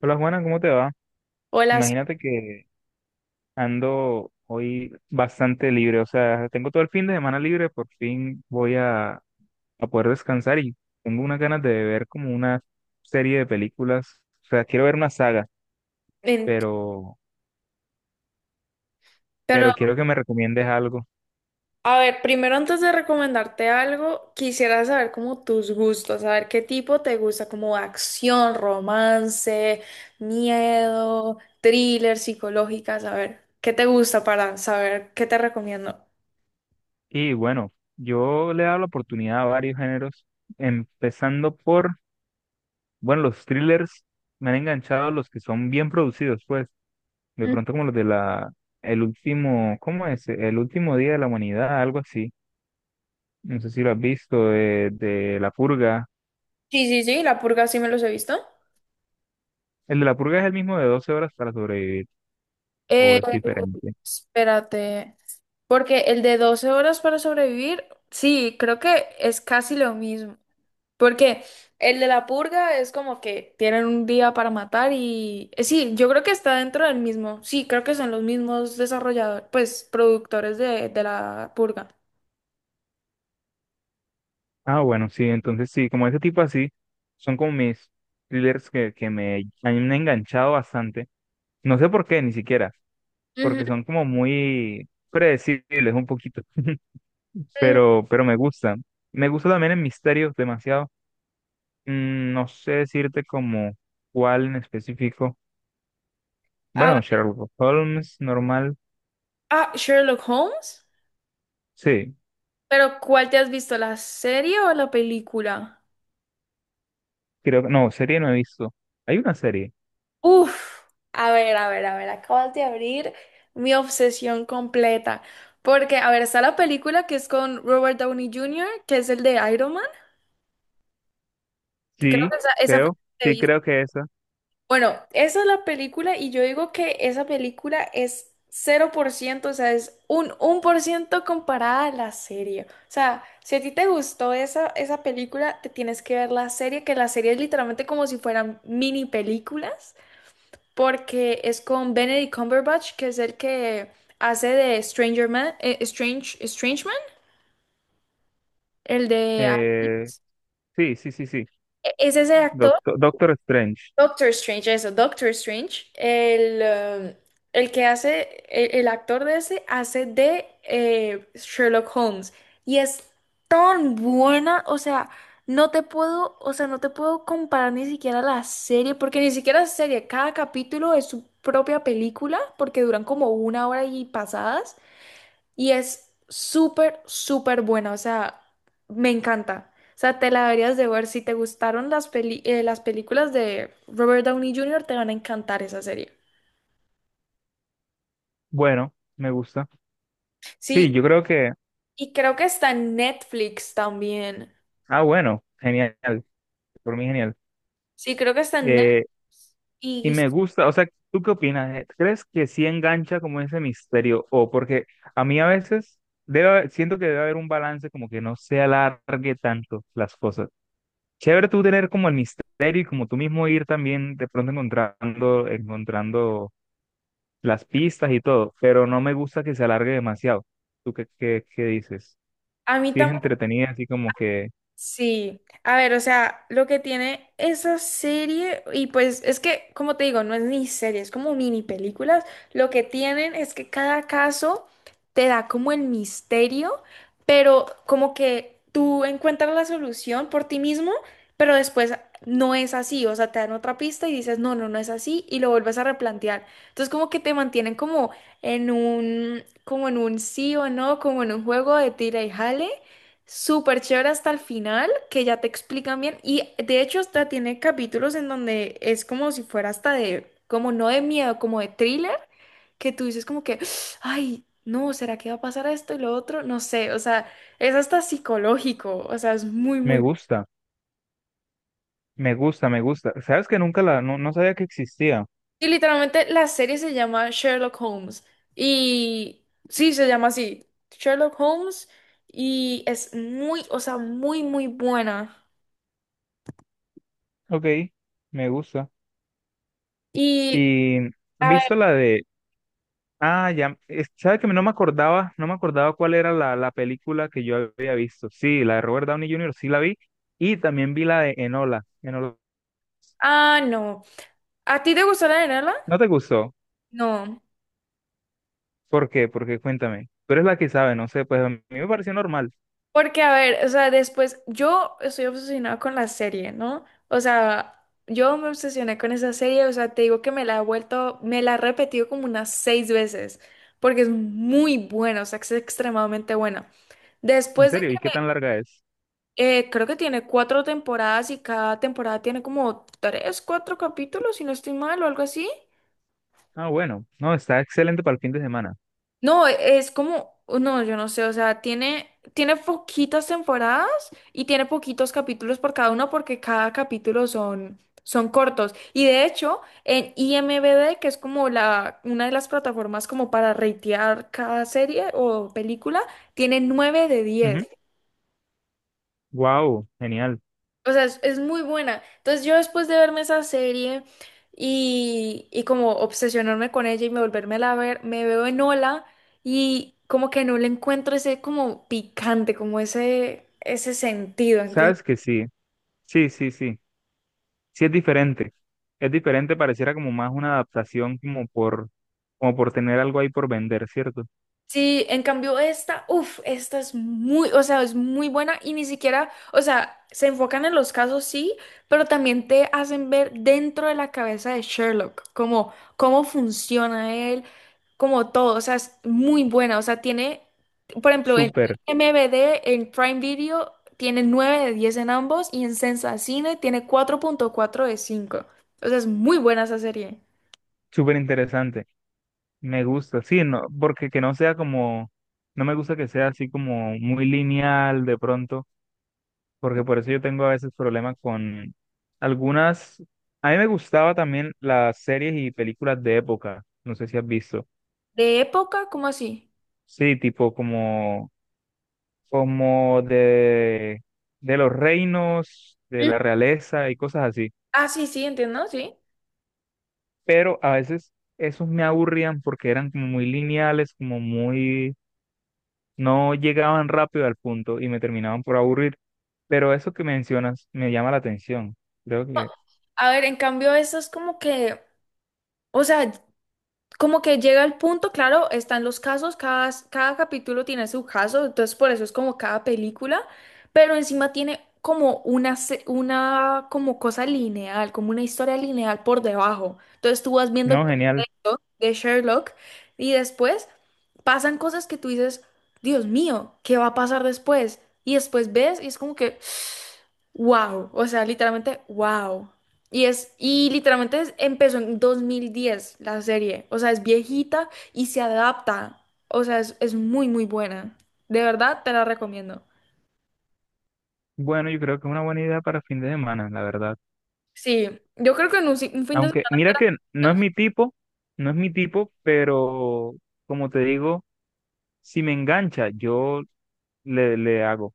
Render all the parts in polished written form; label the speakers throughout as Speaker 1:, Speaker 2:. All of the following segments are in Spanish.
Speaker 1: Hola Juana, ¿cómo te va?
Speaker 2: O las...
Speaker 1: Imagínate que ando hoy bastante libre, o sea, tengo todo el fin de semana libre, por fin voy a poder descansar y tengo unas ganas de ver como una serie de películas, o sea, quiero ver una saga,
Speaker 2: en-
Speaker 1: pero,
Speaker 2: Pero,
Speaker 1: pero quiero que me recomiendes algo.
Speaker 2: a ver, primero antes de recomendarte algo, quisiera saber como tus gustos, saber qué tipo te gusta, como acción, romance, miedo, thriller, psicológicas, a ver, qué te gusta para saber qué te recomiendo.
Speaker 1: Y bueno, yo le he dado la oportunidad a varios géneros, empezando por, bueno, los thrillers, me han enganchado los que son bien producidos, pues. De
Speaker 2: Mm.
Speaker 1: pronto como los de la, el último, ¿cómo es? El último día de la humanidad, algo así. No sé si lo has visto, de la purga.
Speaker 2: Sí, sí, sí, La Purga sí me los he visto.
Speaker 1: El de la purga es el mismo de 12 horas para sobrevivir, o
Speaker 2: Eh,
Speaker 1: es diferente.
Speaker 2: espérate, porque el de 12 horas para sobrevivir, sí, creo que es casi lo mismo. Porque el de la purga es como que tienen un día para matar Sí, yo creo que está dentro del mismo. Sí, creo que son los mismos desarrolladores, pues productores de la purga.
Speaker 1: Ah, bueno, sí, entonces sí, como ese tipo así, son como mis thrillers que me han enganchado bastante. No sé por qué, ni siquiera,
Speaker 2: Ujú.
Speaker 1: porque son como muy predecibles un poquito,
Speaker 2: Mm.
Speaker 1: pero me gustan. Me gusta también el misterio demasiado. No sé decirte como cuál en específico.
Speaker 2: Ah,
Speaker 1: Bueno, Sherlock Holmes normal.
Speaker 2: ah, Sherlock Holmes.
Speaker 1: Sí,
Speaker 2: Pero ¿cuál te has visto? ¿La serie o la película?
Speaker 1: creo que no, serie no he visto. Hay una serie.
Speaker 2: Uf, a ver, a ver, a ver, acabas de abrir mi obsesión completa. Porque, a ver, está la película que es con Robert Downey Jr., que es el de Iron Man. Creo
Speaker 1: Sí,
Speaker 2: que esa, fue
Speaker 1: creo.
Speaker 2: la que
Speaker 1: Sí,
Speaker 2: vi.
Speaker 1: creo que esa.
Speaker 2: Bueno, esa es la película y yo digo que esa película es 0%, o sea, es un 1% comparada a la serie. O sea, si a ti te gustó esa, película, te tienes que ver la serie, que la serie es literalmente como si fueran mini películas, porque es con Benedict Cumberbatch, que es el que hace de Stranger Man, Strange, Strange Man, el de...
Speaker 1: Eh,
Speaker 2: Aliens.
Speaker 1: sí, sí, sí, sí.
Speaker 2: Es ese actor
Speaker 1: Doctor Strange.
Speaker 2: Doctor Strange, eso, Doctor Strange, el que hace, el actor de ese hace de Sherlock Holmes. Y es tan buena, o sea, no te puedo, o sea, no te puedo comparar ni siquiera la serie, porque ni siquiera es serie, cada capítulo es su propia película, porque duran como una hora y pasadas. Y es súper, súper buena, o sea, me encanta. O sea, te la deberías de ver. Si te gustaron las películas de Robert Downey Jr., te van a encantar esa serie.
Speaker 1: Bueno, me gusta.
Speaker 2: Sí,
Speaker 1: Sí, yo creo que.
Speaker 2: y creo que está en Netflix también.
Speaker 1: Ah, bueno, genial. Por mí, genial.
Speaker 2: Sí, creo que está en
Speaker 1: Eh,
Speaker 2: Netflix.
Speaker 1: Y
Speaker 2: Y
Speaker 1: me gusta, o sea, ¿tú qué opinas, eh? ¿Crees que sí engancha como ese misterio? O porque a mí a veces siento que debe haber un balance como que no se alargue tanto las cosas. Chévere tú tener como el misterio y como tú mismo ir también de pronto encontrando las pistas y todo, pero no me gusta que se alargue demasiado. ¿Tú qué dices?
Speaker 2: a mí
Speaker 1: Sí es
Speaker 2: también.
Speaker 1: entretenida, así como que
Speaker 2: Sí, a ver, o sea, lo que tiene esa serie, y pues es que, como te digo, no es ni serie, es como mini películas, lo que tienen es que cada caso te da como el misterio, pero como que tú encuentras la solución por ti mismo, pero después no es así, o sea, te dan otra pista y dices, no, no, no es así, y lo vuelves a replantear. Entonces, como que te mantienen como en un sí o no, como en un juego de tira y jale súper chévere hasta el final, que ya te explican bien. Y de hecho, hasta tiene capítulos en donde es como si fuera hasta de, como no de miedo, como de thriller, que tú dices como que, ay, no, ¿será que va a pasar esto y lo otro? No sé, o sea, es hasta psicológico, o sea, es muy,
Speaker 1: me
Speaker 2: muy...
Speaker 1: gusta, me gusta, me gusta. ¿Sabes que nunca la, no, no sabía que existía?
Speaker 2: Y literalmente la serie se llama Sherlock Holmes. Y sí, se llama así, Sherlock Holmes. Y es muy, o sea, muy, muy buena.
Speaker 1: Ok, me gusta.
Speaker 2: Y...
Speaker 1: Y ¿has
Speaker 2: a
Speaker 1: visto la de, Ah, ya, sabes que no me acordaba cuál era la película que yo había visto. Sí, la de Robert Downey Jr. sí la vi y también vi la de Enola.
Speaker 2: Ah, no. ¿A ti te gustó la novela?
Speaker 1: ¿No te gustó?
Speaker 2: No.
Speaker 1: ¿Por qué? Porque cuéntame. Tú eres la que sabe, no sé, pues a mí me pareció normal.
Speaker 2: Porque, a ver, o sea, después, yo estoy obsesionada con la serie, ¿no? O sea, yo me obsesioné con esa serie, o sea, te digo que me la he repetido como unas seis veces, porque es muy buena, o sea, es extremadamente buena.
Speaker 1: En
Speaker 2: Después de
Speaker 1: serio,
Speaker 2: que,
Speaker 1: ¿y qué tan larga es?
Speaker 2: Creo que tiene cuatro temporadas y cada temporada tiene como tres, cuatro capítulos, si no estoy mal, o algo así.
Speaker 1: Ah, bueno, no, está excelente para el fin de semana.
Speaker 2: No, es como, oh, no, yo no sé, o sea, tiene, poquitas temporadas y tiene poquitos capítulos por cada uno porque cada capítulo son, cortos. Y de hecho, en IMDb, que es como una de las plataformas como para ratear cada serie o película, tiene 9 de 10.
Speaker 1: Wow, genial.
Speaker 2: O sea, es muy buena. Entonces yo después de verme esa serie y como obsesionarme con ella y me volverme a ver, me veo en Ola y como que no le encuentro ese como picante, como ese sentido, ¿entiendes?
Speaker 1: ¿Sabes que sí? Sí, sí, sí. Sí es diferente, pareciera como más una adaptación como por tener algo ahí por vender, ¿cierto?
Speaker 2: Sí, en cambio esta es muy, o sea, es muy buena y ni siquiera, o sea, se enfocan en los casos, sí, pero también te hacen ver dentro de la cabeza de Sherlock, como cómo funciona él, como todo, o sea, es muy buena, o sea, tiene, por ejemplo, en
Speaker 1: Súper,
Speaker 2: MVD, en Prime Video, tiene 9 de 10 en ambos y en Sensacine tiene 4,4 de 5, o sea, es muy buena esa serie.
Speaker 1: súper interesante, me gusta, sí, no, porque que no sea no me gusta que sea así como muy lineal de pronto, porque por eso yo tengo a veces problemas con algunas, a mí me gustaba también las series y películas de época, no sé si has visto,
Speaker 2: ¿De época? ¿Cómo así?
Speaker 1: sí, tipo como de los reinos, de
Speaker 2: Mm.
Speaker 1: la realeza y cosas así.
Speaker 2: Ah, sí, sí, entiendo, sí.
Speaker 1: Pero a veces esos me aburrían porque eran como muy lineales, como muy, no llegaban rápido al punto y me terminaban por aburrir. Pero eso que mencionas me llama la atención. Creo que,
Speaker 2: A ver, en cambio, eso es como que, o sea, como que llega el punto, claro, están los casos, cada capítulo tiene su caso, entonces por eso es como cada película, pero encima tiene como una como cosa lineal, como una historia lineal por debajo. Entonces tú vas viendo el
Speaker 1: no, genial.
Speaker 2: de Sherlock y después pasan cosas que tú dices, Dios mío, ¿qué va a pasar después? Y después ves y es como que, wow, o sea, literalmente, wow. Y es, y literalmente empezó en 2010 la serie, o sea, es viejita y se adapta, o sea, es muy, muy buena. De verdad, te la recomiendo.
Speaker 1: Bueno, yo creo que es una buena idea para fin de semana, la verdad.
Speaker 2: Sí, yo creo que en un, si- un fin de
Speaker 1: Aunque,
Speaker 2: semana.
Speaker 1: mira que no es mi tipo, no es mi tipo, pero como te digo, si me engancha, yo le hago.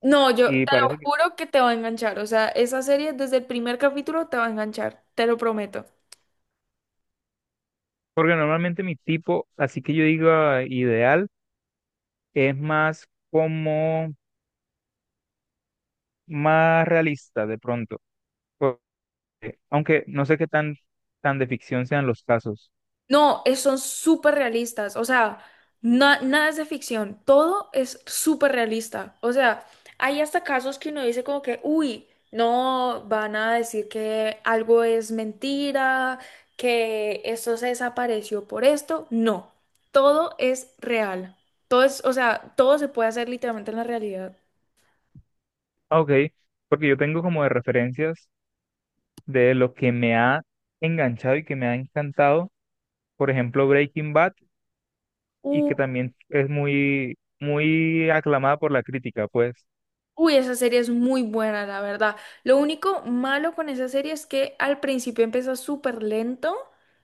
Speaker 2: No, yo te
Speaker 1: Y
Speaker 2: lo
Speaker 1: parece que,
Speaker 2: juro que te va a enganchar, o sea, esa serie desde el primer capítulo te va a enganchar, te lo prometo.
Speaker 1: porque normalmente mi tipo, así que yo digo ideal, es más como más realista de pronto. Porque- Aunque no sé qué tan de ficción sean los casos.
Speaker 2: No, son súper realistas. O sea, nada es de ficción. Todo es súper realista. O sea, hay hasta casos que uno dice como que, uy, no, van a decir que algo es mentira, que esto se desapareció por esto. No, todo es real. Todo es, o sea, todo se puede hacer literalmente en la realidad.
Speaker 1: Ah, Ok, porque yo tengo como de referencias de lo que me ha enganchado y que me ha encantado. Por ejemplo, Breaking Bad, y que
Speaker 2: U-
Speaker 1: también es muy, muy aclamada por la crítica, pues.
Speaker 2: Uy, esa serie es muy buena, la verdad. Lo único malo con esa serie es que al principio empieza súper lento.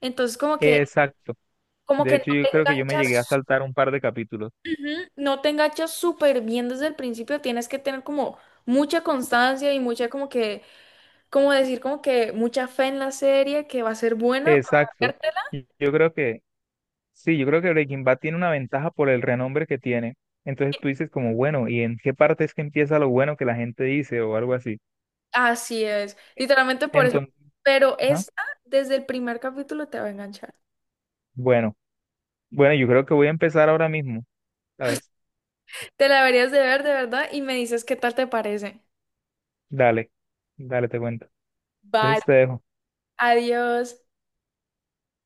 Speaker 2: Entonces, como que
Speaker 1: Exacto.
Speaker 2: como
Speaker 1: De
Speaker 2: que
Speaker 1: hecho,
Speaker 2: no
Speaker 1: yo
Speaker 2: te
Speaker 1: creo que yo me
Speaker 2: enganchas,
Speaker 1: llegué a saltar un par de capítulos.
Speaker 2: ujú, no te enganchas súper bien desde el principio, tienes que tener como mucha constancia y mucha como que, como decir, como que mucha fe en la serie que va a ser buena para
Speaker 1: Exacto.
Speaker 2: vértela.
Speaker 1: Y Yo creo que, sí, yo creo que Breaking Bad tiene una ventaja por el renombre que tiene. Entonces tú dices como, bueno, ¿y en qué parte es que empieza lo bueno que la gente dice o algo así?
Speaker 2: Así es, literalmente por eso.
Speaker 1: Entonces,
Speaker 2: Pero
Speaker 1: ajá,
Speaker 2: esta, desde el primer capítulo te va a enganchar.
Speaker 1: bueno, bueno, yo creo que voy a empezar ahora mismo, ¿sabes?
Speaker 2: Te la deberías de ver de verdad y me dices qué tal te parece.
Speaker 1: Dale, dale, te cuento.
Speaker 2: Vale,
Speaker 1: Entonces te dejo.
Speaker 2: adiós.